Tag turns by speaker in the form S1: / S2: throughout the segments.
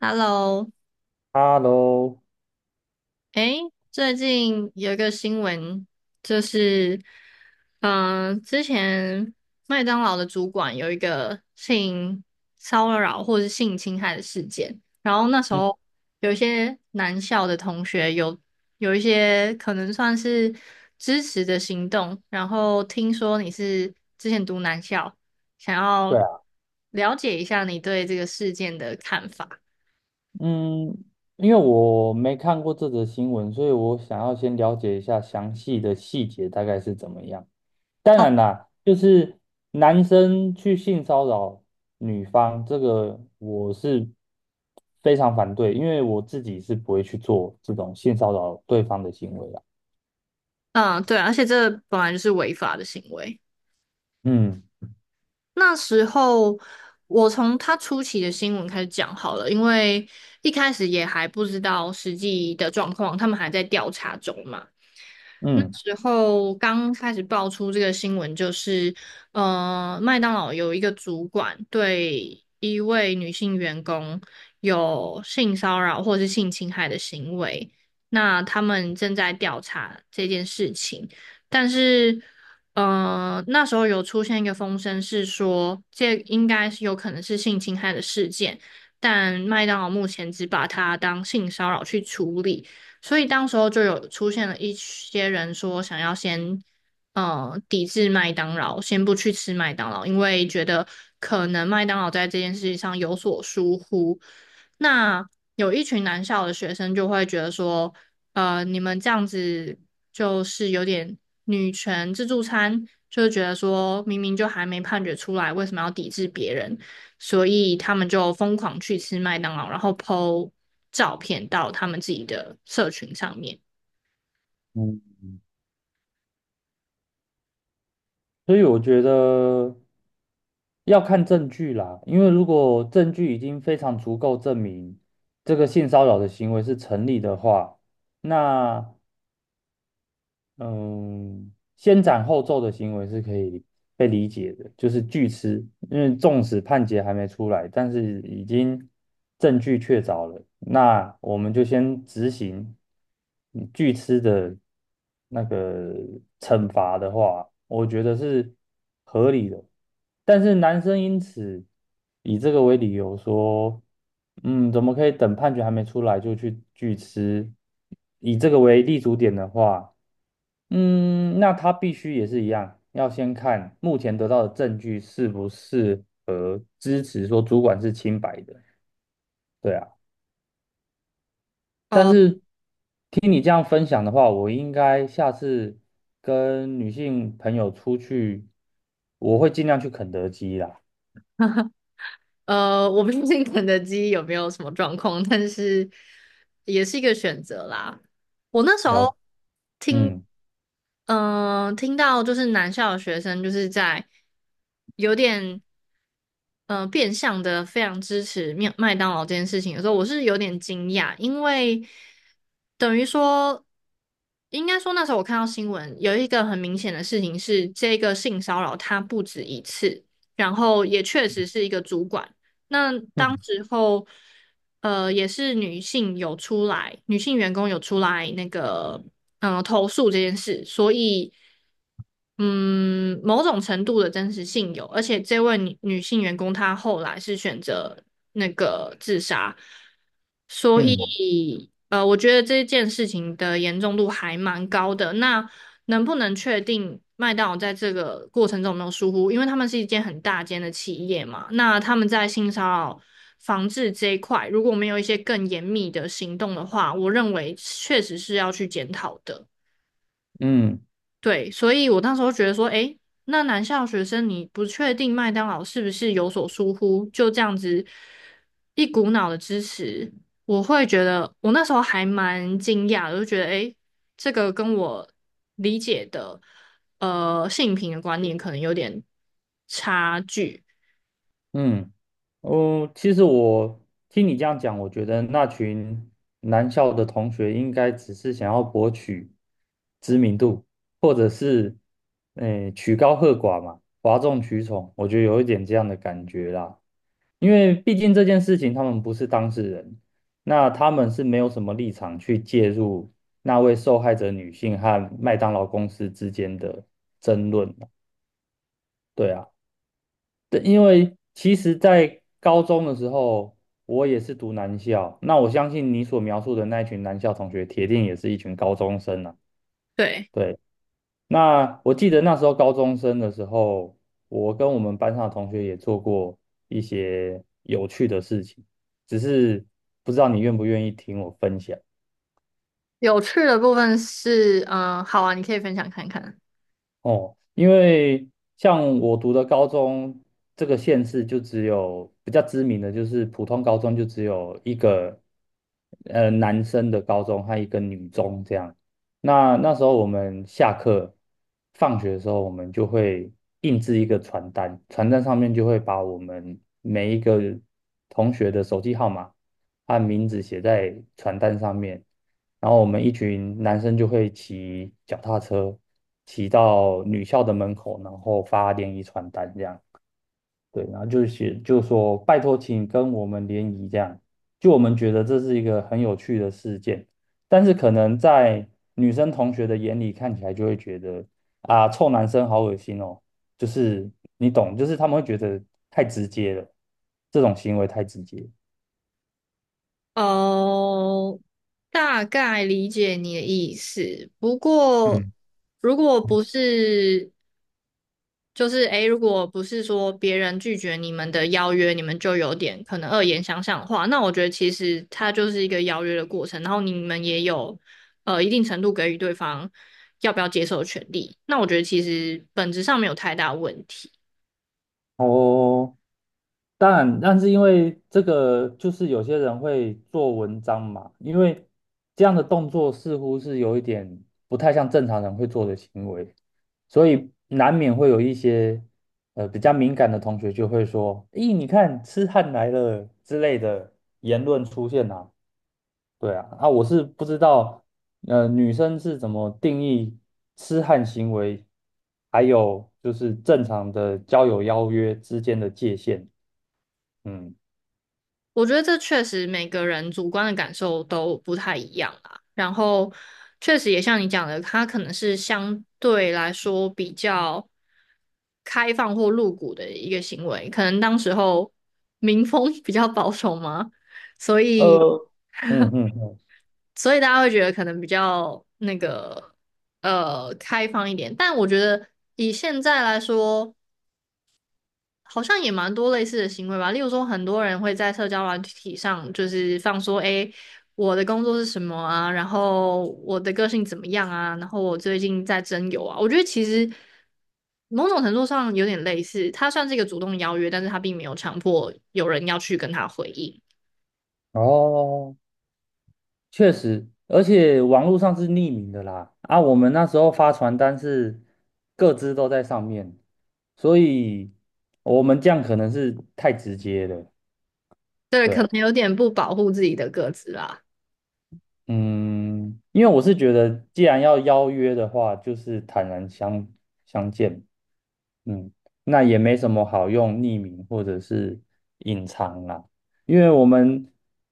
S1: Hello,
S2: Hello，
S1: 诶，最近有一个新闻，就是，之前麦当劳的主管有一个性骚扰或是性侵害的事件，然后那时
S2: 嗯
S1: 候有一些男校的同学有一些可能算是支持的行动，然后听说你是之前读男校，想
S2: 对
S1: 要
S2: 啊。
S1: 了解一下你对这个事件的看法。
S2: 嗯，因为我没看过这则新闻，所以我想要先了解一下详细的细节大概是怎么样。当然啦，就是男生去性骚扰女方，这个我是非常反对，因为我自己是不会去做这种性骚扰对方的行为啊
S1: 嗯，对，而且这本来就是违法的行为。
S2: 嗯
S1: 那时候我从他初期的新闻开始讲好了，因为一开始也还不知道实际的状况，他们还在调查中嘛。那
S2: 嗯
S1: 时候刚开始爆出这个新闻，麦当劳有一个主管对一位女性员工有性骚扰或是性侵害的行为，那他们正在调查这件事情，但是,那时候有出现一个风声，是说这应该是有可能是性侵害的事件，但麦当劳目前只把它当性骚扰去处理。所以当时候就有出现了一些人说想要先抵制麦当劳，先不去吃麦当劳，因为觉得可能麦当劳在这件事情上有所疏忽。那有一群南校的学生就会觉得说，你们这样子就是有点女权自助餐，就是觉得说明明就还没判决出来，为什么要抵制别人？所以他们就疯狂去吃麦当劳，然后 po 照片到他们自己的社群上面。
S2: 嗯。所以我觉得要看证据啦，因为如果证据已经非常足够证明这个性骚扰的行为是成立的话，那嗯，先斩后奏的行为是可以被理解的，就是据吃，因为纵使判决还没出来，但是已经证据确凿了，那我们就先执行据吃的那个惩罚的话，我觉得是合理的。但是男生因此以这个为理由说，怎么可以等判决还没出来就去据吃？以这个为立足点的话。那他必须也是一样，要先看目前得到的证据是不是支持说主管是清白的，对啊。但
S1: 哦，
S2: 是听你这样分享的话，我应该下次跟女性朋友出去，我会尽量去肯德基啦。
S1: 我不确定肯德基有没有什么状况，但是也是一个选择啦。我那时
S2: 了，
S1: 候听
S2: 嗯
S1: 听到就是南校的学生就是在有点变相的非常支持麦当劳这件事情的时候，我是有点惊讶，因为等于说，应该说那时候我看到新闻有一个很明显的事情是，这个性骚扰它不止一次，然后也确实是一个主管。那当
S2: 嗯
S1: 时候，也是女性有出来，女性员工有出来那个，嗯、投诉这件事，所以，嗯，某种程度的真实性有，而且这位女性员工她后来是选择那个自杀，所
S2: 嗯
S1: 以，我觉得这件事情的严重度还蛮高的。那能不能确定麦当劳在这个过程中有没有疏忽？因为他们是一间很大间的企业嘛，那他们在性骚扰防治这一块，如果没有一些更严密的行动的话，我认为确实是要去检讨的。
S2: 嗯
S1: 对，所以我那时候觉得说，诶，那男校学生你不确定麦当劳是不是有所疏忽，就这样子一股脑的支持，我会觉得我那时候还蛮惊讶的，就觉得诶，这个跟我理解的性平的观念可能有点差距。
S2: 嗯。哦，其实我听你这样讲，我觉得那群男校的同学应该只是想要博取知名度，或者是，诶、曲高和寡嘛，哗众取宠，我觉得有一点这样的感觉啦。因为毕竟这件事情他们不是当事人，那他们是没有什么立场去介入那位受害者女性和麦当劳公司之间的争论的。对啊。对，因为其实，在高中的时候，我也是读男校。那我相信你所描述的那一群男校同学，铁定也是一群高中生啊。
S1: 对，
S2: 对，那我记得那时候高中生的时候，我跟我们班上的同学也做过一些有趣的事情，只是不知道你愿不愿意听我分享。
S1: 有趣的部分是，好啊，你可以分享看看。
S2: 哦，因为像我读的高中，这个县市就只有比较知名的，就是普通高中就只有一个男生的高中和一个女中这样。那那时候我们下课放学的时候，我们就会印制一个传单，传单上面就会把我们每一个同学的手机号码和名字写在传单上面。然后我们一群男生就会骑脚踏车，骑到女校的门口，然后发联谊传单这样。对，然后就写就说拜托，请跟我们联谊这样。就我们觉得这是一个很有趣的事件，但是可能在女生同学的眼里看起来就会觉得啊，臭男生好恶心哦，就是你懂，就是他们会觉得太直接了，这种行为太直接。
S1: 哦，大概理解你的意思。不过，
S2: 嗯，
S1: 如果不是，就是诶，如果不是说别人拒绝你们的邀约，你们就有点可能恶言相向的话，那我觉得其实它就是一个邀约的过程，然后你们也有一定程度给予对方要不要接受的权利。那我觉得其实本质上没有太大问题。
S2: 哦，当然，但是因为这个，就是有些人会做文章嘛，因为这样的动作似乎是有一点不太像正常人会做的行为，所以难免会有一些比较敏感的同学就会说：“咦，你看痴汉来了”之类的言论出现啊。对啊，啊，我是不知道女生是怎么定义痴汉行为，还有就是正常的交友邀约之间的界限。嗯。
S1: 我觉得这确实每个人主观的感受都不太一样啦。然后，确实也像你讲的，它可能是相对来说比较开放或露骨的一个行为，可能当时候民风 比较保守嘛，所以
S2: 呃，嗯嗯嗯。
S1: 所以大家会觉得可能比较那个开放一点。但我觉得以现在来说，好像也蛮多类似的行为吧。例如说，很多人会在社交软体上就是放说，诶，我的工作是什么啊？然后我的个性怎么样啊？然后我最近在征友啊。我觉得其实某种程度上有点类似，它算是一个主动邀约，但是它并没有强迫有人要去跟他回应。
S2: 哦，确实，而且网络上是匿名的啦。啊，我们那时候发传单是各自都在上面，所以我们这样可能是太直接了。
S1: 对，
S2: 对
S1: 可
S2: 啊。
S1: 能有点不保护自己的个子啦。
S2: 嗯，因为我是觉得，既然要邀约的话，就是坦然相见。嗯，那也没什么好用匿名或者是隐藏啦，因为我们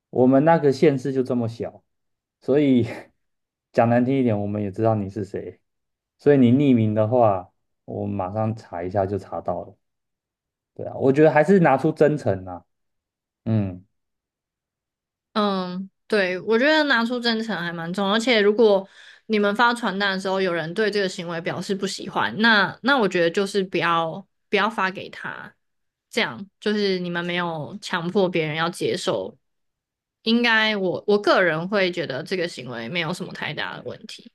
S2: 我们那个县市就这么小，所以 讲难听一点，我们也知道你是谁，所以你匿名的话，我马上查一下就查到了。对啊，我觉得还是拿出真诚啦。嗯。
S1: 嗯，对，我觉得拿出真诚还蛮重要，而且如果你们发传单的时候，有人对这个行为表示不喜欢，那我觉得就是不要发给他，这样就是你们没有强迫别人要接受，应该我个人会觉得这个行为没有什么太大的问题。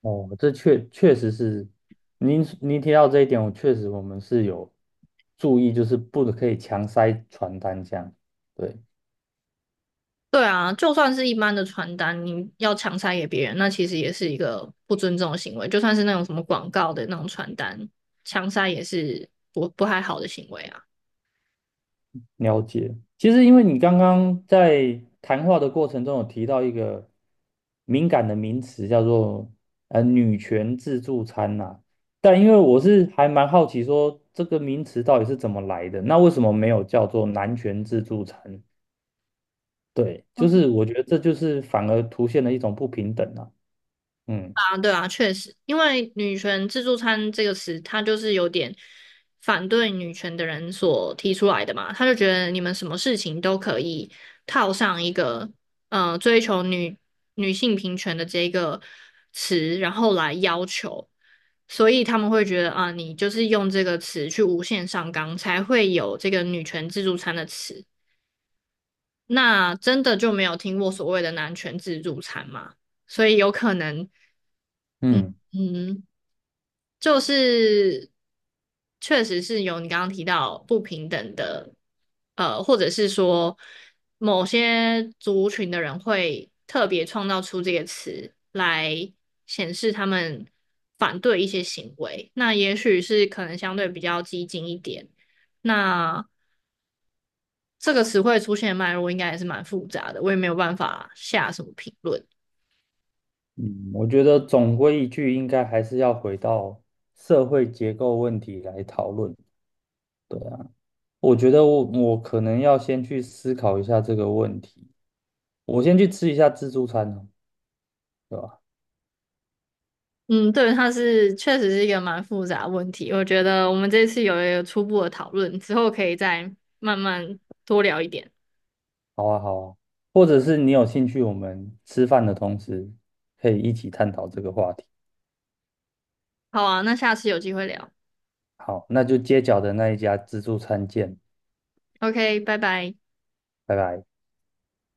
S2: 哦，这确实是您提到这一点，我确实我们是有注意，就是不可以强塞传单这样。对。
S1: 对啊，就算是一般的传单，你要强塞给别人，那其实也是一个不尊重的行为，就算是那种什么广告的那种传单，强塞也是不太好的行为啊。
S2: 了解。其实，因为你刚刚在谈话的过程中有提到一个敏感的名词，叫做女权自助餐呐、但因为我是还蛮好奇说这个名词到底是怎么来的，那为什么没有叫做男权自助餐？对，就是我觉得这就是反而凸现了一种不平等啊。嗯
S1: 啊，对啊，确实，因为"女权自助餐"这个词，它就是有点反对女权的人所提出来的嘛。他就觉得你们什么事情都可以套上一个追求女性平权的这个词，然后来要求，所以他们会觉得啊，你就是用这个词去无限上纲，才会有这个"女权自助餐"的词。那真的就没有听过所谓的男权自助餐吗？所以有可能。
S2: 嗯
S1: 嗯，就是确实是有你刚刚提到不平等的，或者是说某些族群的人会特别创造出这个词来显示他们反对一些行为。那也许是可能相对比较激进一点。那这个词汇出现的脉络应该也是蛮复杂的，我也没有办法下什么评论。
S2: 嗯，我觉得总归一句，应该还是要回到社会结构问题来讨论。对啊，我觉得我可能要先去思考一下这个问题，我先去吃一下自助餐哦，对吧？
S1: 嗯，对，它是确实是一个蛮复杂的问题。我觉得我们这次有一个初步的讨论，之后可以再慢慢多聊一点。
S2: 好啊，好啊，或者是你有兴趣，我们吃饭的同时可以一起探讨这个话题。
S1: 好啊，那下次有机会聊。
S2: 好，那就街角的那一家自助餐见，
S1: OK,拜拜。
S2: 拜拜。